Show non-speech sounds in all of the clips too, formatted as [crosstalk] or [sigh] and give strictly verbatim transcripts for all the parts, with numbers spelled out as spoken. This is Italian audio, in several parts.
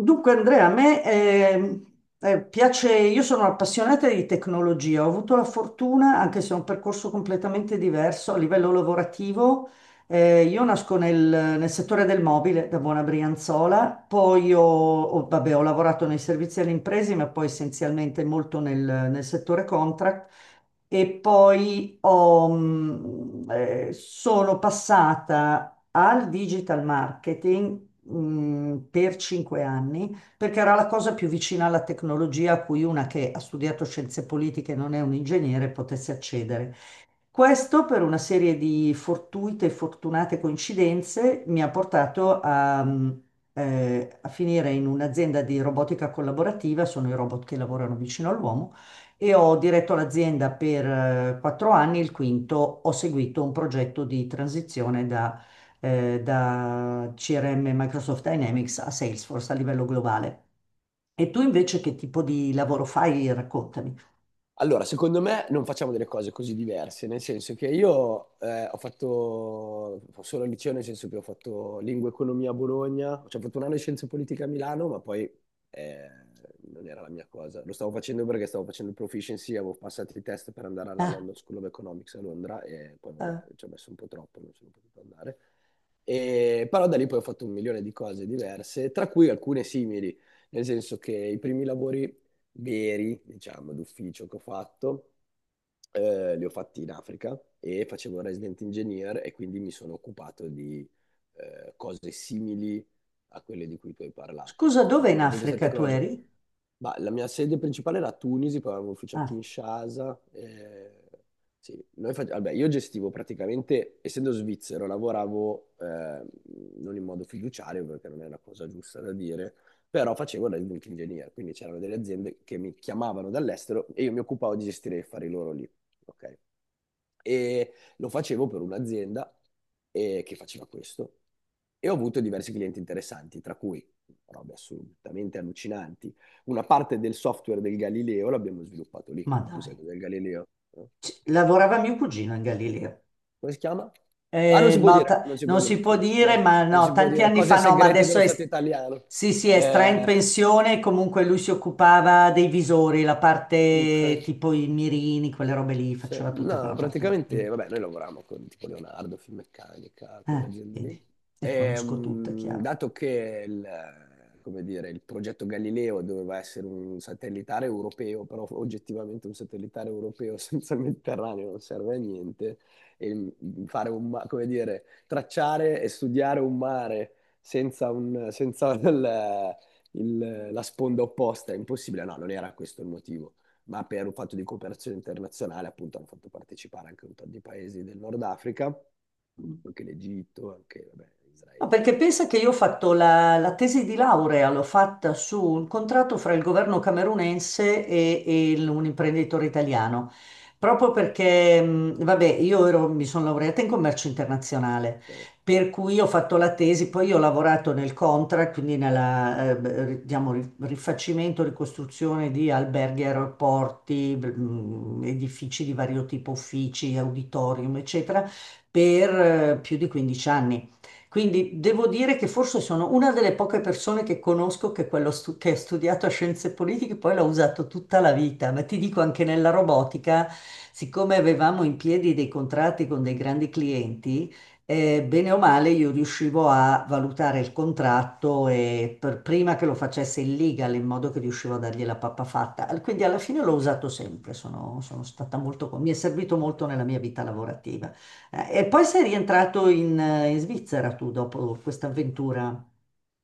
Dunque, Andrea, a me eh, eh, piace. Io sono appassionata di tecnologia, ho avuto la fortuna, anche se è un percorso completamente diverso a livello lavorativo. Eh, io nasco nel, nel settore del mobile da buona Brianzola, poi ho, ho- vabbè, ho lavorato nei servizi alle imprese, ma poi essenzialmente molto nel, nel settore contract, e poi ho, mh, eh, sono passata al digital marketing mh, per cinque anni, perché era la cosa più vicina alla tecnologia a cui una che ha studiato scienze politiche e non è un ingegnere potesse accedere. Questo per una serie di fortuite e fortunate coincidenze mi ha portato a, mh, eh, a finire in un'azienda di robotica collaborativa, sono i robot che lavorano vicino all'uomo, e ho diretto l'azienda per eh, quattro anni, il quinto ho seguito un progetto di transizione da, eh, da C R M Microsoft Dynamics a Salesforce a livello globale. E tu invece che tipo di lavoro fai? Raccontami. Allora, secondo me non facciamo delle cose così diverse, nel senso che io eh, ho fatto solo il liceo, nel senso che ho fatto lingua e economia a Bologna, cioè ho fatto un anno di scienze politiche a Milano, ma poi eh, non era la mia cosa. Lo stavo facendo perché stavo facendo il proficiency, avevo passato i test per andare alla Ah, London School of Economics a Londra e poi vabbè, eh, ci ho messo un po' troppo, non sono potuto andare. E però da lì poi ho fatto un milione di cose diverse, tra cui alcune simili, nel senso che i primi lavori veri, diciamo, d'ufficio che ho fatto, eh, li ho fatti in Africa e facevo il resident engineer e quindi mi sono occupato di eh, cose simili a quelle di cui tu hai parlato, Scusa, dove in soprattutto dal punto di vista Africa tu tecnologico. eri? Ma la mia sede principale era a Tunisi, poi avevo un ufficio a Ah, Kinshasa. Eh, sì, noi face- vabbè, io gestivo praticamente, essendo svizzero, lavoravo eh, non in modo fiduciario, perché non è una cosa giusta da dire, però facevo da input engineer, quindi c'erano delle aziende che mi chiamavano dall'estero e io mi occupavo di gestire gli affari loro lì, ok? E lo facevo per un'azienda eh, che faceva questo e ho avuto diversi clienti interessanti, tra cui robe assolutamente allucinanti. Una parte del software del Galileo l'abbiamo sviluppato lì. ma Tu sai dai. cos'è il Galileo? No? C- Lavorava mio cugino in Galileo. Come si chiama? Ah, non si Eh, può ma dire, ta- non si può Non dire, si può scusa. dire, No, ma non no, si può tanti dire. anni Cose fa no, ma segrete adesso dello è, Stato italiano. sì, sì, è stra in Eh, pensione. Comunque lui si occupava dei visori, la parte ok. tipo i mirini, quelle robe lì, Se- faceva tutta No, quella parte lì. Mm. praticamente, vabbè, noi lavoravamo con tipo Leonardo, Finmeccanica, quelle Ah, aziende lì. vedi, le E, conosco tutte, mh, chiaro. dato che il, come dire, il progetto Galileo doveva essere un satellitare europeo, però oggettivamente un satellitare europeo [laughs] senza il Mediterraneo non serve a niente, e mh, fare un, ma- come dire, tracciare e studiare un mare senza, un, senza [laughs] il- il- la sponda opposta è impossibile. No, non era questo il motivo, ma per un fatto di cooperazione internazionale, appunto, hanno fatto partecipare anche un po' di paesi del Nord Africa, anche l'Egitto, anche vabbè, No, Israele, perché chiaramente. pensa che io ho fatto la, la tesi di laurea, l'ho fatta su un contratto fra il governo camerunense e, e il- un imprenditore italiano, proprio perché, mh, vabbè, io ero- mi sono laureata in commercio internazionale, Cioè, per cui ho fatto la tesi. Poi io ho lavorato nel contract, quindi nella, eh, beh, ri- diciamo, ri- rifacimento, ricostruzione di alberghi, aeroporti, mh, edifici di vario tipo, uffici, auditorium, eccetera, per eh, più di quindici anni. Quindi devo dire che forse sono una delle poche persone che conosco che, quello stu- che ha studiato scienze politiche poi l'ha usato tutta la vita, ma ti dico anche nella robotica, siccome avevamo in piedi dei contratti con dei grandi clienti, eh, bene o male io riuscivo a valutare il contratto e per- prima che lo facesse il legal, in modo che riuscivo a dargli la pappa fatta. Al- Quindi alla fine l'ho usato sempre, sono, sono stata molto, con- mi è servito molto nella mia vita lavorativa. Eh, E poi sei rientrato in, eh, in Svizzera tu dopo questa avventura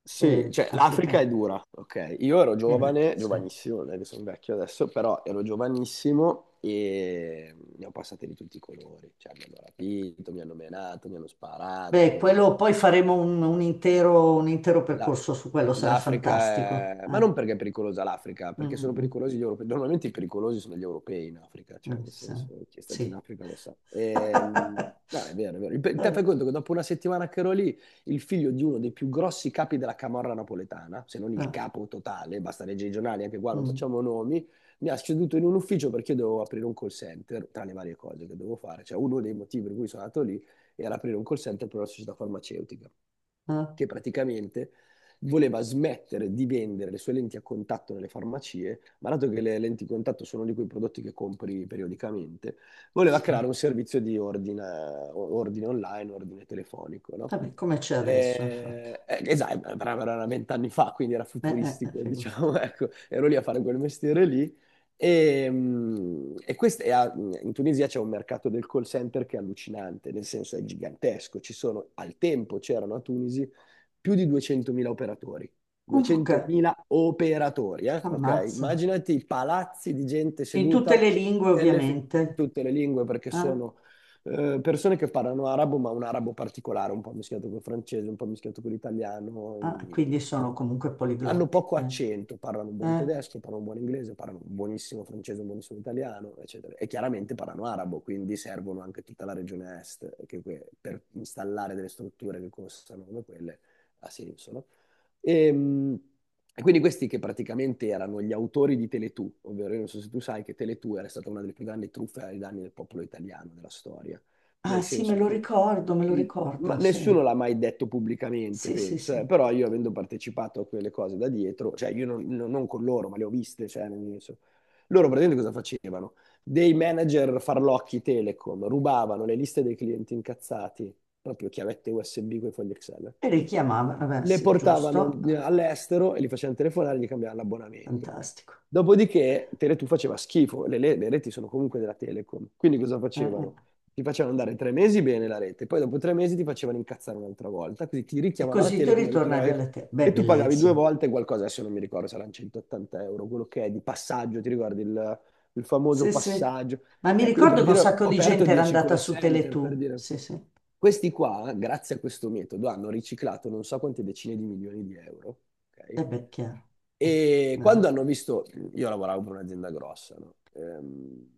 sì, eh, cioè l'Africa africana? è dura, ok? Io ero Eh beh, giovane, sì. giovanissimo, non è che sono vecchio adesso, però ero giovanissimo e ne ho passate di tutti i colori, cioè mi hanno rapito, mi hanno menato, mi hanno sparato, Beh, mi hanno... quello poi faremo un, un intero, un intero La- percorso su quello, sarà fantastico. L'Africa è... Ma Eh, non perché è pericolosa l'Africa, mm, perché sono mm, pericolosi gli europei. Normalmente i pericolosi sono gli europei in Africa, mm, cioè Eh, nel sì. senso, chi è stato in Sì. Africa lo sa. Ehm, [laughs] No, è vero, è vero. Il pe- Te fai Vabbè, conto che dopo una settimana che ero lì, il figlio di uno dei più grossi capi della camorra napoletana, se non il eh, capo totale, basta leggere i giornali, anche qua non mm, facciamo nomi, mi ha seduto in un ufficio perché io dovevo aprire un call center, tra le varie cose che dovevo fare. Cioè uno dei motivi per cui sono andato lì era aprire un call center per una società farmaceutica eh, che praticamente voleva smettere di vendere le sue lenti a contatto nelle farmacie, ma dato che le lenti a contatto sono di quei prodotti che compri periodicamente, voleva sì. creare un servizio di ordine, ordine online, ordine telefonico, no? Vabbè, come c'è adesso, infatti. Eh, eh, esatto, eh, però era vent'anni fa, quindi era Eh, eh, eh, futuristico, figurati. diciamo, [laughs] ecco, ero lì a fare quel mestiere lì. E, mm, e quest- e a- in Tunisia c'è un mercato del call center che è allucinante, nel senso è gigantesco. Ci sono, al tempo c'erano a Tunisi più di duecentomila operatori. Comunque, duecentomila operatori, eh? Ok? ammazza. Immaginati i palazzi di gente In tutte seduta le lingue, nelle fi- in ovviamente. tutte le lingue perché Eh. sono eh, persone che parlano arabo, ma un arabo particolare, un po' mischiato col francese, un po' mischiato con l'italiano. Ah, in- quindi sono comunque Hanno poliglotti. poco Eh. accento, parlano un buon Eh, tedesco, parlano un buon inglese, parlano un buonissimo francese, un buonissimo italiano, eccetera. E chiaramente parlano arabo, quindi servono anche tutta la regione est, che que- per installare delle strutture che costano come quelle ha senso, no? E, mh, e quindi questi che praticamente erano gli autori di Teletù, ovvero io non so se tu sai che Teletù era stata una delle più grandi truffe ai danni del popolo italiano della storia, ah nel sì, me senso lo che ricordo, me lo sì, ma ricordo, sì, nessuno l'ha mai detto pubblicamente, sì, sì, penso, eh. sì. Però io avendo partecipato a quelle cose da dietro, cioè io non, non- non con loro, ma le ho viste, cioè nel senso, loro praticamente cosa facevano? Dei manager farlocchi Telecom rubavano le liste dei clienti incazzati, proprio chiavette U S B con i fogli Excel E li chiamava, vabbè, le sì, portavano giusto. Ah, in- all'estero e li facevano telefonare e gli cambiavano l'abbonamento. fantastico. Dopodiché Tele due faceva schifo, le, le- le reti sono comunque della Telecom, quindi cosa Eh, eh. facevano? Ti facevano andare tre mesi bene la rete, poi dopo tre mesi ti facevano incazzare un'altra volta, quindi ti E richiamava la così ti Telecom e ritornavi ritornavi... alle te. Beh, e tu pagavi due bellissimo. volte qualcosa, adesso non mi ricordo, saranno centottanta euro, quello che è di passaggio, ti ricordi il il famoso Sì, sì. passaggio. Ma mi Ecco, io ricordo per che un dire, sacco ho di aperto gente era dieci andata call su center, per tele due. dire, Sì, sì. questi qua, grazie a questo metodo, hanno riciclato non so quante decine di milioni di euro, ok? E beh, chiaro. Mm, E quando bello. hanno visto, io lavoravo per un'azienda grossa, no? Ehm,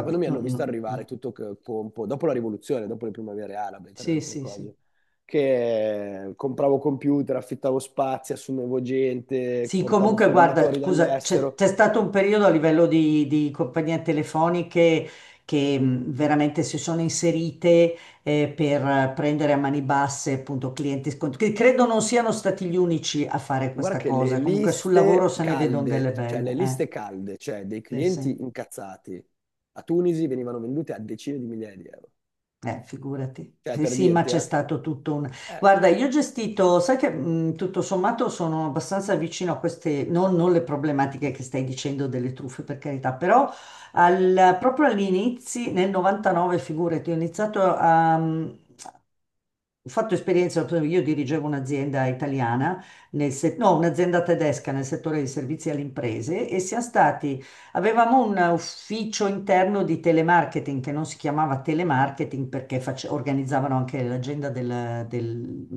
Quando mi no, hanno visto no, arrivare no. tutto che- compo, dopo la rivoluzione, dopo le primavere arabe, tra le Sì, altre sì, sì. cose, che compravo computer, affittavo spazi, assumevo gente, Sì, portavo comunque guarda, formatori scusa, c'è dall'estero... c'è stato un periodo a livello di, di compagnie telefoniche che mh, veramente si sono inserite eh, per eh, prendere a mani basse appunto clienti scontri, che credo non siano stati gli unici a fare Guarda questa che le cosa. Comunque sul lavoro liste se ne vedono calde, delle cioè le belle. Eh. liste calde, cioè dei Sì, sì. clienti incazzati a Tunisi venivano vendute a decine di migliaia di euro. Eh, figurati. Cioè, Sì, per sì, ma dirti, c'è eh? stato tutto un... Eh, Guarda, io ho gestito, sai che mh, tutto sommato sono abbastanza vicino a queste, non, non le problematiche che stai dicendo delle truffe, per carità, però al- proprio all'inizio, nel novantanove, figurati, ho iniziato a, mhmm, ho fatto esperienza. Io dirigevo un'azienda italiana, nel se- no, un'azienda tedesca nel settore dei servizi alle imprese, e siamo stati, avevamo un ufficio interno di telemarketing che non si chiamava telemarketing perché face- organizzavano anche l'agenda del, del-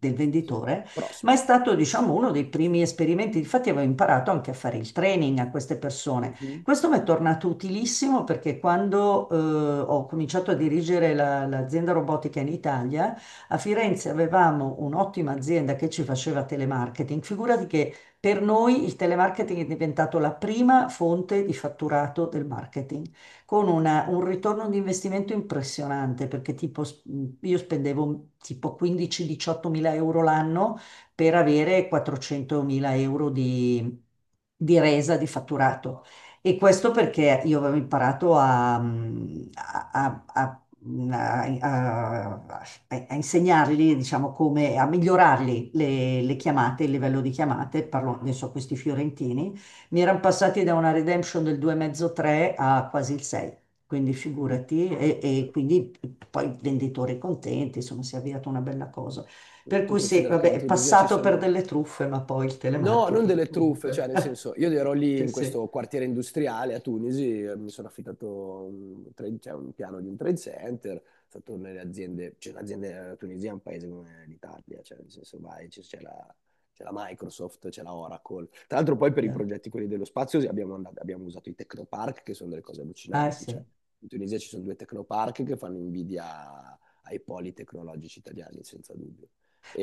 del sì, venditore, ma è prospect. stato, diciamo, uno dei primi esperimenti. Infatti avevo imparato anche a fare il training a queste persone. Mhm. Questo mi è tornato utilissimo perché quando eh, ho cominciato a dirigere la- l'azienda robotica in Italia, a Firenze avevamo un'ottima azienda che ci faceva telemarketing. Figurati che per noi il telemarketing è diventato la prima fonte di fatturato del marketing, con una- un ritorno di investimento impressionante, perché tipo, s- io spendevo tipo quindici diciotto mila euro l'anno per avere quattrocento mila euro di, di resa di fatturato. E questo perché io avevo imparato a, a- a- a mh, a, a- a insegnargli, diciamo, come a migliorargli le, le Sì, chiamate, il livello di chiamate. sì. Parlo adesso a questi fiorentini. Mi erano passati da una redemption del due virgola cinque-tre a quasi il sei. Quindi Mm, figurati, e, sì. e quindi poi i venditori contenti, insomma, si è avviata una bella cosa. Sì. Per Tu cui sì, considera che vabbè, in è Tunisia ci passato per sono... delle truffe, ma poi il No, non telemarketing delle truffe, cioè comunque. nel [laughs] senso, io ero lì Sì, in sì, è questo quartiere industriale a Tunisi, eh, mi sono affittato un, trade- cioè, un piano di un trade center, sono stato nelle aziende, cioè l'azienda la Tunisia è un paese come l'Italia, cioè nel senso vai, c- c'è la, c'è la Microsoft, c'è la Oracle. Tra l'altro poi per i chiaro. progetti quelli dello spazio sì, abbiamo, and- abbiamo usato i Tecnopark, che sono delle cose Ah, allucinanti, cioè sì. in Tunisia ci sono due Tecnopark che fanno invidia ai poli tecnologici italiani, senza dubbio.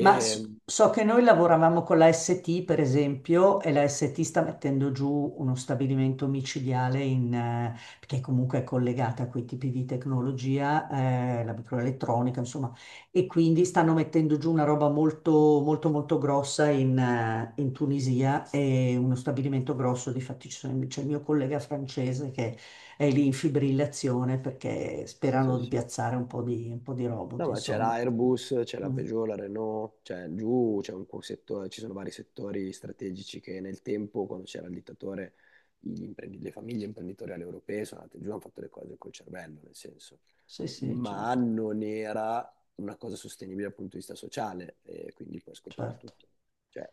Ma s- so che noi lavoravamo con la S T, per esempio, e la S T sta mettendo giù uno stabilimento micidiale in, eh, che comunque è collegata a quei tipi di tecnologia, eh, la microelettronica, insomma, e quindi stanno mettendo giù una roba molto, molto, molto grossa in, eh, in Tunisia, e uno stabilimento grosso. Difatti ci sono- c'è il mio collega francese che è lì in fibrillazione perché sperano sì, di sì. piazzare un po' di, un po' di No, robot, ma c'è insomma. l'Airbus, c'è la Mm. Peugeot, la Renault, cioè giù c'è un co- settore, ci sono vari settori strategici che nel tempo, quando c'era il dittatore, gli imprendi- le famiglie imprenditoriali europee sono andate giù, hanno fatto le cose col cervello, nel senso, Sì, sì, ma certo, non era una cosa sostenibile dal punto di vista sociale e quindi poi è scoppiato certo. tutto. Cioè,